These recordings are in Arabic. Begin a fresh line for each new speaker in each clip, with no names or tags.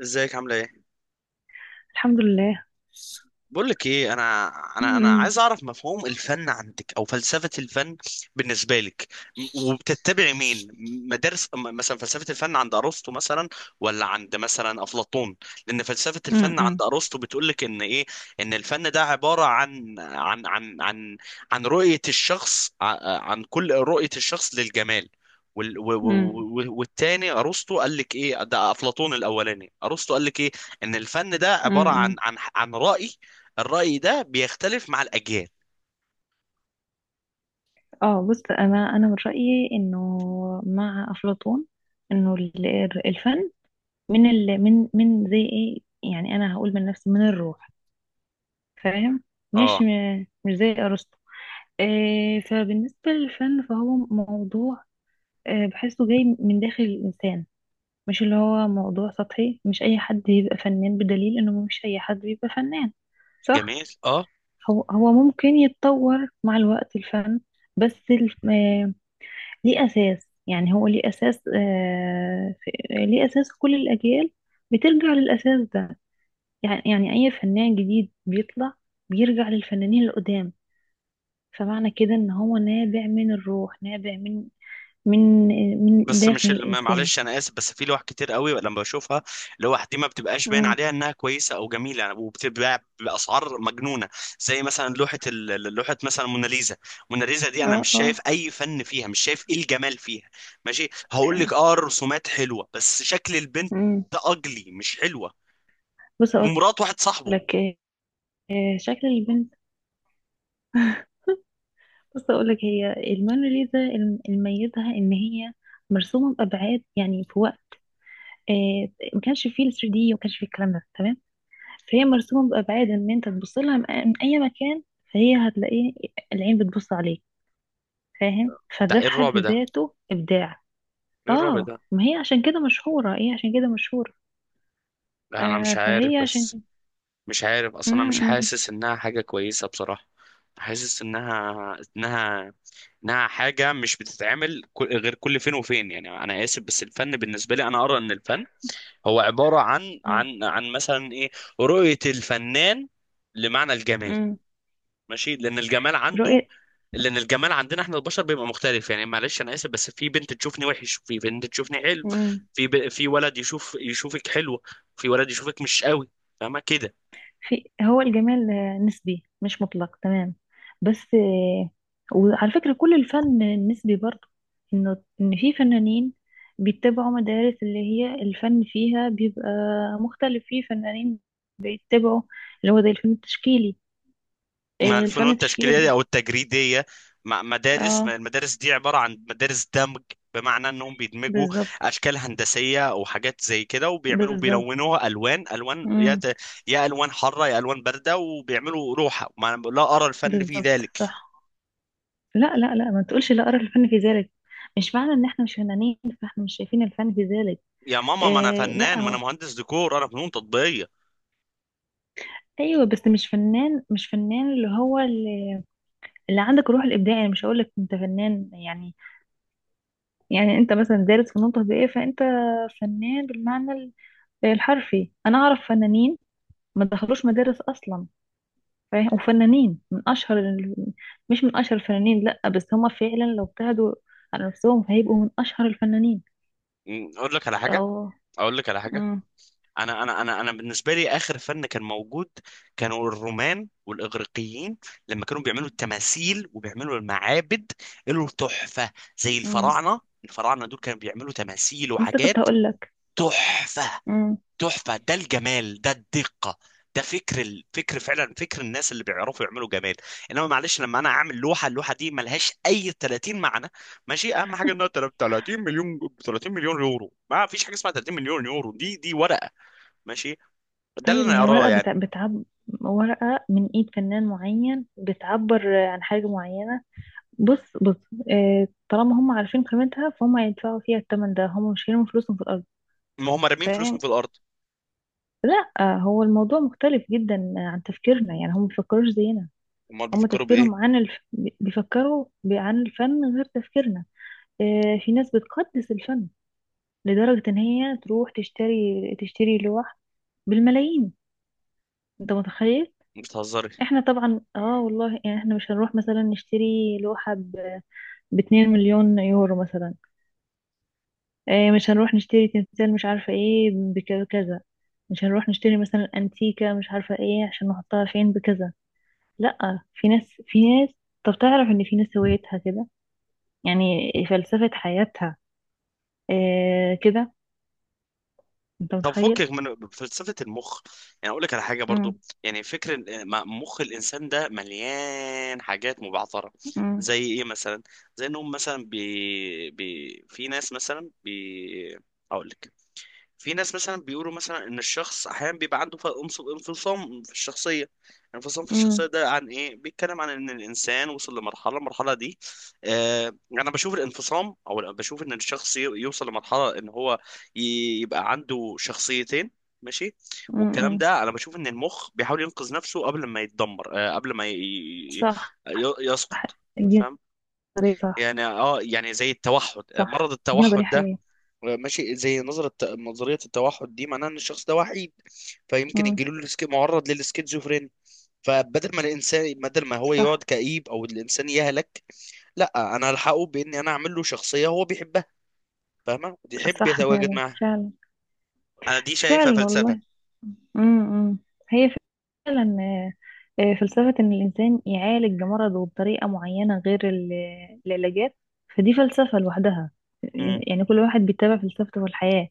ازيك؟ عامله ايه؟
الحمد لله.
بقول لك ايه انا
امم.
عايز اعرف مفهوم الفن عندك او فلسفة الفن بالنسبة لك. وبتتبعي مين؟ مدارس، مثلا فلسفة الفن عند ارسطو مثلا؟ ولا عند مثلا افلاطون؟ لان فلسفة الفن
امم.
عند ارسطو بتقول لك ان ايه. ان الفن ده عبارة عن رؤية الشخص، عن كل رؤية الشخص للجمال.
امم.
والتاني ارسطو قال لك ايه؟ ده افلاطون الاولاني. ارسطو قال لك ايه؟ ان الفن ده عبارة عن
امم.
عن عن رأي، الرأي ده بيختلف مع الأجيال.
اه، بص، انا من رايي انه مع افلاطون، انه الفن من ال من من زي ايه، يعني انا هقول من نفسي من الروح، فاهم؟ مش
اه،
مش زي ارسطو. إيه؟ فبالنسبه للفن فهو موضوع، بحسه جاي من داخل الانسان، مش اللي هو موضوع سطحي، مش اي حد يبقى فنان، بدليل انه مش اي حد بيبقى فنان. صح.
جميل، اه.
هو ممكن يتطور مع الوقت الفن، بس الف... آه، ليه أساس، يعني هو ليه أساس، ليه أساس كل الأجيال بترجع للأساس ده. يعني أي فنان جديد بيطلع بيرجع للفنانين القدام، فمعنى كده إن هو نابع من الروح، نابع من من
بس
داخل
مش اللي
الإنسان.
معلش انا اسف، بس في لوح كتير قوي لما بشوفها، لوح دي ما بتبقاش باين
مم.
عليها انها كويسه او جميله يعني، وبتتباع باسعار مجنونه. زي مثلا لوحه مثلا موناليزا. موناليزا دي انا
اه
مش شايف
اه.
اي فن فيها، مش شايف ايه الجمال فيها. ماشي، هقول لك اه الرسومات حلوه، بس شكل البنت
مم.
ده اجلي مش حلوه.
بص أقول
ومرات واحد صاحبه.
لك، شكل البنت. بص أقولك هي الموناليزا، الميزها إن هي مرسومة بأبعاد، يعني في وقت آه، ما كانش فيه ال 3D وما كانش فيه الكلام ده، تمام؟ فهي مرسومة بأبعاد إن أنت تبص لها من أي مكان فهي هتلاقيه، العين بتبص عليك، فاهم؟
ده
فده
ايه
في حد
الرعب ده!
ذاته إبداع.
ايه الرعب
آه،
ده!
ما هي عشان كده مشهورة، إيه عشان كده مشهورة.
لا انا
آه
مش عارف،
فهي
بس
عشان
مش عارف
م-
اصلا، انا مش
م-
حاسس انها حاجه كويسه بصراحه. حاسس انها حاجه مش بتتعمل غير كل فين وفين. يعني انا اسف، بس الفن بالنسبه لي، انا ارى ان الفن هو عباره عن
م-
عن عن مثلا ايه، رؤيه الفنان لمعنى الجمال.
م.
ماشي،
رؤية.
لان الجمال عندنا احنا البشر بيبقى مختلف. يعني معلش انا اسف، بس في بنت تشوفني وحش، وفي بنت تشوفني حلو. في ولد يشوفك حلوه، في ولد يشوفك مش قوي. فاهمه كده؟
في، هو الجمال نسبي مش مطلق، تمام؟ بس وعلى فكرة كل الفن نسبي برضه، انه ان في فنانين بيتبعوا مدارس، اللي هي الفن فيها بيبقى مختلف، في فنانين بيتبعوا اللي هو زي الفن التشكيلي،
مع الفنون
الفن
التشكيليه دي
التشكيلي.
او التجريديه، مع مدارس، ما
اه،
المدارس دي عباره عن مدارس دمج. بمعنى انهم بيدمجوا
بالظبط.
اشكال هندسيه او حاجات زي كده، وبيعملوا
بالظبط.
بيلونوها الوان الوان،
امم.
يا الوان حاره يا الوان بارده، وبيعملوا روحه. ما انا بقول لها ارى الفن في
بالظبط،
ذلك.
صح. لا لا لا، ما تقولش لا ارى الفن في ذلك، مش معنى ان احنا مش فنانين فاحنا مش شايفين الفن في ذلك.
يا ماما، ما انا
آه،
فنان،
لا
ما انا
هو
مهندس ديكور، انا فنون تطبيقيه.
ايوه، بس مش فنان، مش فنان، اللي هو اللي، اللي عندك الروح الابداعيه، يعني مش هقول لك انت فنان يعني، يعني انت مثلا دارس فنون تطبيقيه فانت فنان بالمعنى الحرفي. انا اعرف فنانين ما دخلوش مدارس اصلا، فاهم؟ وفنانين من اشهر مش من اشهر الفنانين، لا بس هما فعلا لو ابتعدوا على نفسهم هيبقوا من اشهر الفنانين.
م، اقول لك على حاجه
او.
اقول لك على حاجه.
امم.
انا بالنسبه لي اخر فن كان موجود، كانوا الرومان والاغريقيين، لما كانوا بيعملوا التماثيل وبيعملوا المعابد. له تحفه. زي
امم.
الفراعنه، الفراعنه دول كانوا بيعملوا تماثيل
لسه كنت
وحاجات.
هقول لك.
تحفه، تحفه. ده الجمال، ده الدقه، ده فكر الفكر، فعلا فكر الناس اللي بيعرفوا يعملوا جمال. انما معلش لما انا اعمل لوحه، اللوحه دي ملهاش اي 30 معنى. ماشي، اهم حاجه انها 30 مليون. 30 مليون يورو؟ ما فيش حاجه اسمها 30 مليون يورو، دي ورقه. ماشي، ده اللي
طيب، ما
انا
هي
اراه
ورقة
يعني.
بتعب، ورقة من ايد فنان معين بتعبر عن حاجة معينة. بص، بص، طالما هم عارفين قيمتها فهم هيدفعوا فيها الثمن ده، هم مش هيرموا فلوسهم في الأرض،
ما هم رامين فلوسهم
فاهم؟
في الارض.
لا هو الموضوع مختلف جدا عن تفكيرنا، يعني هم مبيفكروش زينا.
امال
هم
بيفكروا
تفكيرهم
بايه؟
عن بيفكروا عن الفن غير تفكيرنا. آه، في ناس بتقدس الفن لدرجة ان هي تروح تشتري لوح بالملايين. انت متخيل؟
بتهزري!
احنا طبعا اه والله، يعني احنا مش هنروح مثلا نشتري لوحة ب 2 مليون يورو مثلا. اه، مش هنروح نشتري تمثال مش عارفة ايه بكذا، مش هنروح نشتري مثلا انتيكة مش عارفة ايه عشان نحطها فين بكذا. لا، في ناس، في ناس. طب تعرف ان في ناس هوايتها كده، يعني فلسفة حياتها، اه كده. انت
طب
متخيل؟
فكك من فلسفه المخ، يعني اقول لك على حاجه برضو.
امم.
يعني فكر مخ الانسان ده مليان حاجات مبعثره.
امم.
زي ايه مثلا؟ زي انهم مثلا في ناس مثلا هقول لك، في ناس مثلا بيقولوا مثلا ان الشخص احيانا بيبقى عنده انفصام في الشخصيه. انفصام في الشخصيه
امم.
ده عن ايه بيتكلم؟ عن ان الانسان وصل لمرحله، المرحله دي آه انا بشوف الانفصام، او بشوف ان الشخص يوصل لمرحله ان هو يبقى عنده شخصيتين. ماشي. والكلام
امم.
ده انا بشوف ان المخ بيحاول ينقذ نفسه قبل ما يتدمر، آه قبل ما ي-
صح.
يسقط.
دي
فاهم؟
نظرية. صح.
يعني اه، يعني زي التوحد،
صح.
مرض
دي
التوحد
نظرية
ده.
حقيقية.
ماشي، زي نظرية التوحد دي معناها ان الشخص ده وحيد، فيمكن
امم.
معرض للسكيزوفرينيا. فبدل ما الانسان بدل ما هو
صح.
يقعد كئيب، او الانسان يهلك. لا، انا هلحقه باني انا اعمل له شخصية هو بيحبها. فاهمة؟ ويحب
صح
يتواجد
فعلا.
معاها.
فعلا.
انا دي شايفها
فعلا
فلسفة.
والله. امم. هي فعلا فلسفة إن الإنسان يعالج مرضه بطريقة معينة غير العلاجات، فدي فلسفة لوحدها.
امم.
يعني كل واحد بيتبع فلسفته في الحياة،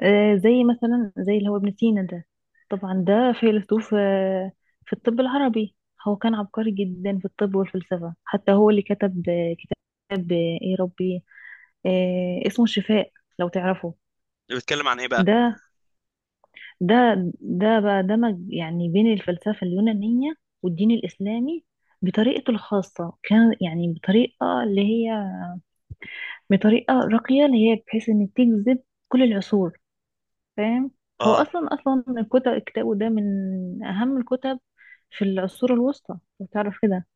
زي مثلا زي اللي هو ابن سينا ده. طبعا ده فيلسوف في الطب العربي. هو كان عبقري جدا في الطب والفلسفة، حتى هو اللي كتب كتاب ايه ربي، اسمه الشفاء، لو تعرفه.
بتتكلم عن ايه بقى؟
ده ده ده بقى دمج يعني بين الفلسفة اليونانية والدين الإسلامي بطريقته الخاصة، كان يعني بطريقة اللي هي بطريقة راقية اللي هي بحيث إن تجذب كل العصور، فاهم؟ هو
اه.
أصلا الكتب، كتابه ده من أهم الكتب في العصور الوسطى، بتعرف كده؟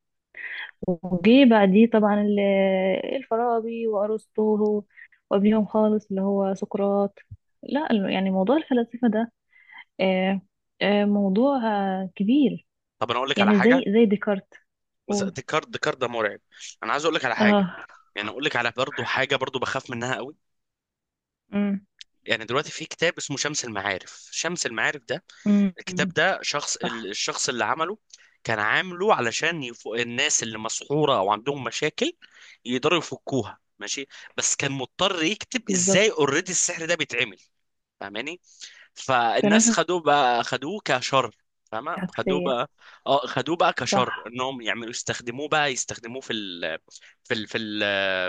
وجه بعديه طبعا الفارابي وأرسطو، وقبليهم خالص اللي هو سقراط. لا يعني موضوع الفلسفة ده آه موضوع كبير،
طب انا اقول لك على
يعني زي
حاجة.
زي ديكارت. قول.
ديكارت ده مرعب. انا عايز اقول لك على حاجة.
اه.
يعني اقول لك على برضه حاجة برضه بخاف منها قوي.
امم.
يعني دلوقتي في كتاب اسمه شمس المعارف. شمس المعارف ده، الكتاب
امم.
ده، شخص
صح.
الشخص اللي عمله كان عامله علشان الناس اللي مسحورة او عندهم مشاكل يقدروا يفكوها. ماشي، بس كان مضطر يكتب ازاي
بالظبط.
اوريدي السحر ده بيتعمل. فاهماني؟
فناس
فالناس خدوه كشر. فاهمة؟ خدوه
عكسية.
بقى. اه، خدوه بقى كشر،
صح.
انهم يعملوا يستخدموه في ال في ال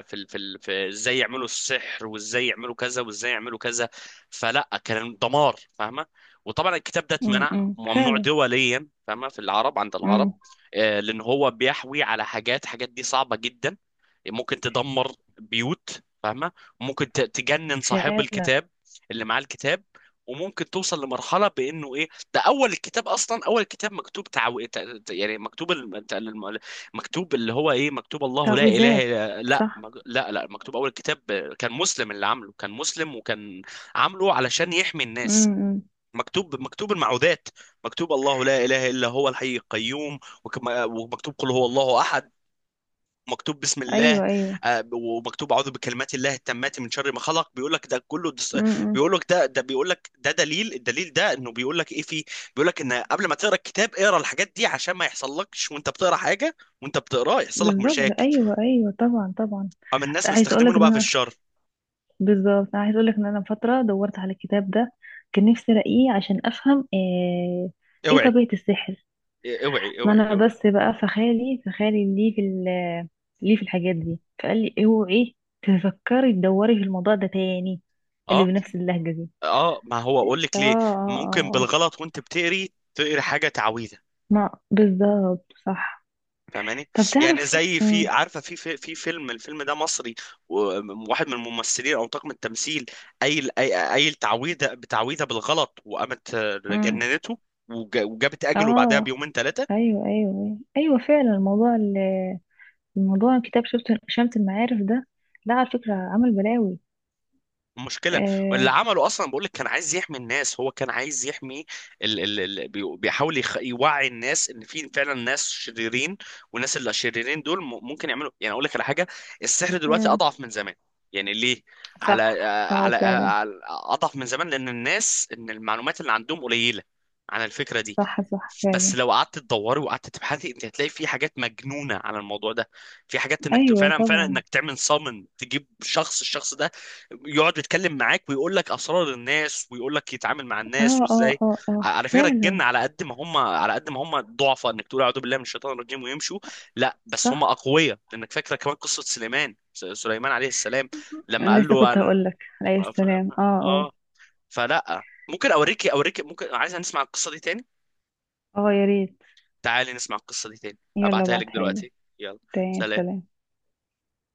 في ازاي يعملوا السحر، وازاي يعملوا كذا، وازاي يعملوا كذا. فلا، كان دمار. فاهمة؟ وطبعا الكتاب ده اتمنع،
امم.
ممنوع
فعلا.
دوليا. فاهمة؟ في العرب عند
امم.
العرب. آه، لان هو بيحوي على حاجات دي صعبة جدا. ممكن تدمر بيوت. فاهمة؟ ممكن تجنن صاحب
فعلا.
الكتاب، اللي معاه الكتاب. وممكن توصل لمرحلة بإنه إيه، ده أول الكتاب أصلا، أول كتاب مكتوب يعني مكتوب مكتوب، اللي هو إيه، مكتوب الله لا إله
تعويذات. صح.
لا لا، مكتوب أول كتاب كان مسلم اللي عامله. كان مسلم وكان عامله علشان يحمي الناس.
امم.
مكتوب المعوذات. مكتوب الله لا إله إلا هو الحي القيوم. ومكتوب قل هو الله أحد. مكتوب بسم الله.
ايوه ايوه.
آه، ومكتوب اعوذ بكلمات الله التامات من شر ما خلق.
امم.
بيقول لك ده دليل. الدليل ده انه بيقول لك ايه فيه. بيقول لك ان قبل ما تقرا الكتاب اقرا الحاجات دي عشان ما يحصلكش وانت بتقرا حاجه، وانت بتقراه يحصل لك
بالظبط،
مشاكل.
ايوه ايوه، طبعا طبعا.
اما الناس
عايز اقول لك
مستخدمينه
ان
بقى في
انا،
الشر.
بالظبط، انا عايز اقول لك ان انا فترة دورت على الكتاب ده، كان نفسي الاقيه عشان افهم ايه
اوعي،
طبيعة السحر.
اوعي،
ما
اوعي،
انا
اوعي!
بس بقى فخالي ليه ليه في الحاجات دي، فقال لي اوعي تفكري تدوري في الموضوع ده تاني، اللي
اه،
بنفس اللهجة دي.
اه، ما هو اقول
اه
لك ليه.
اه اه.
ممكن
آه.
بالغلط وانت بتقري حاجه تعويذه.
ما بالظبط، صح.
فاهماني؟
طب
يعني
تعرف.
زي، في،
امم.
عارفه، في فيلم، الفيلم ده مصري، وواحد من الممثلين او طاقم التمثيل قايل تعويذه بتعويذه بالغلط، وقامت
امم.
جننته. وجابت اجله بعدها
اه،
بيومين ثلاثه.
ايوه ايوه ايوه فعلا. الموضوع الموضوع كتاب شفت شمت المعارف ده لا على فكرة عمل بلاوي.
مشكلة. واللي
آه.
عمله أصلا، بقول لك، كان عايز يحمي الناس، هو كان عايز يحمي بيحاول يوعي الناس إن في فعلا ناس شريرين، والناس اللي شريرين دول ممكن يعملوا. يعني أقول لك على حاجة، السحر دلوقتي
امم.
أضعف من زمان. يعني ليه؟ على
صح.
آه،
اه
على
فعلا.
آه، على- أضعف من زمان لأن الناس، إن المعلومات اللي عندهم قليلة عن الفكرة دي.
صح صح
بس
فعلا.
لو قعدت تدوري وقعدت تبحثي انت هتلاقي في حاجات مجنونة على الموضوع ده. في حاجات انك
ايوه
فعلا فعلا
طبعا.
انك تعمل صامن تجيب شخص، الشخص ده يقعد يتكلم معاك ويقول لك اسرار الناس، ويقول لك يتعامل مع الناس
اه اه
وازاي.
اه اه
على فكره الجن،
فعلا.
على قد ما هم ضعفاء، انك تقول اعوذ بالله من الشيطان الرجيم ويمشوا. لا، بس هم
صح.
اقوياء، لانك فاكره كمان قصه سليمان، سليمان عليه السلام لما
أنا
قال
لسه
له
كنت
انا
هقولك عليه
ف- ف-
السلام، اه قول.
اه فلا، ممكن اوريك، ممكن، عايز نسمع القصه دي تاني؟
اه، يا ريت.
تعالي نسمع القصه دي تاني.
يلا
ابعتها لك
ابعتها لي.
دلوقتي. يلا،
تاني،
سلام.
سلام.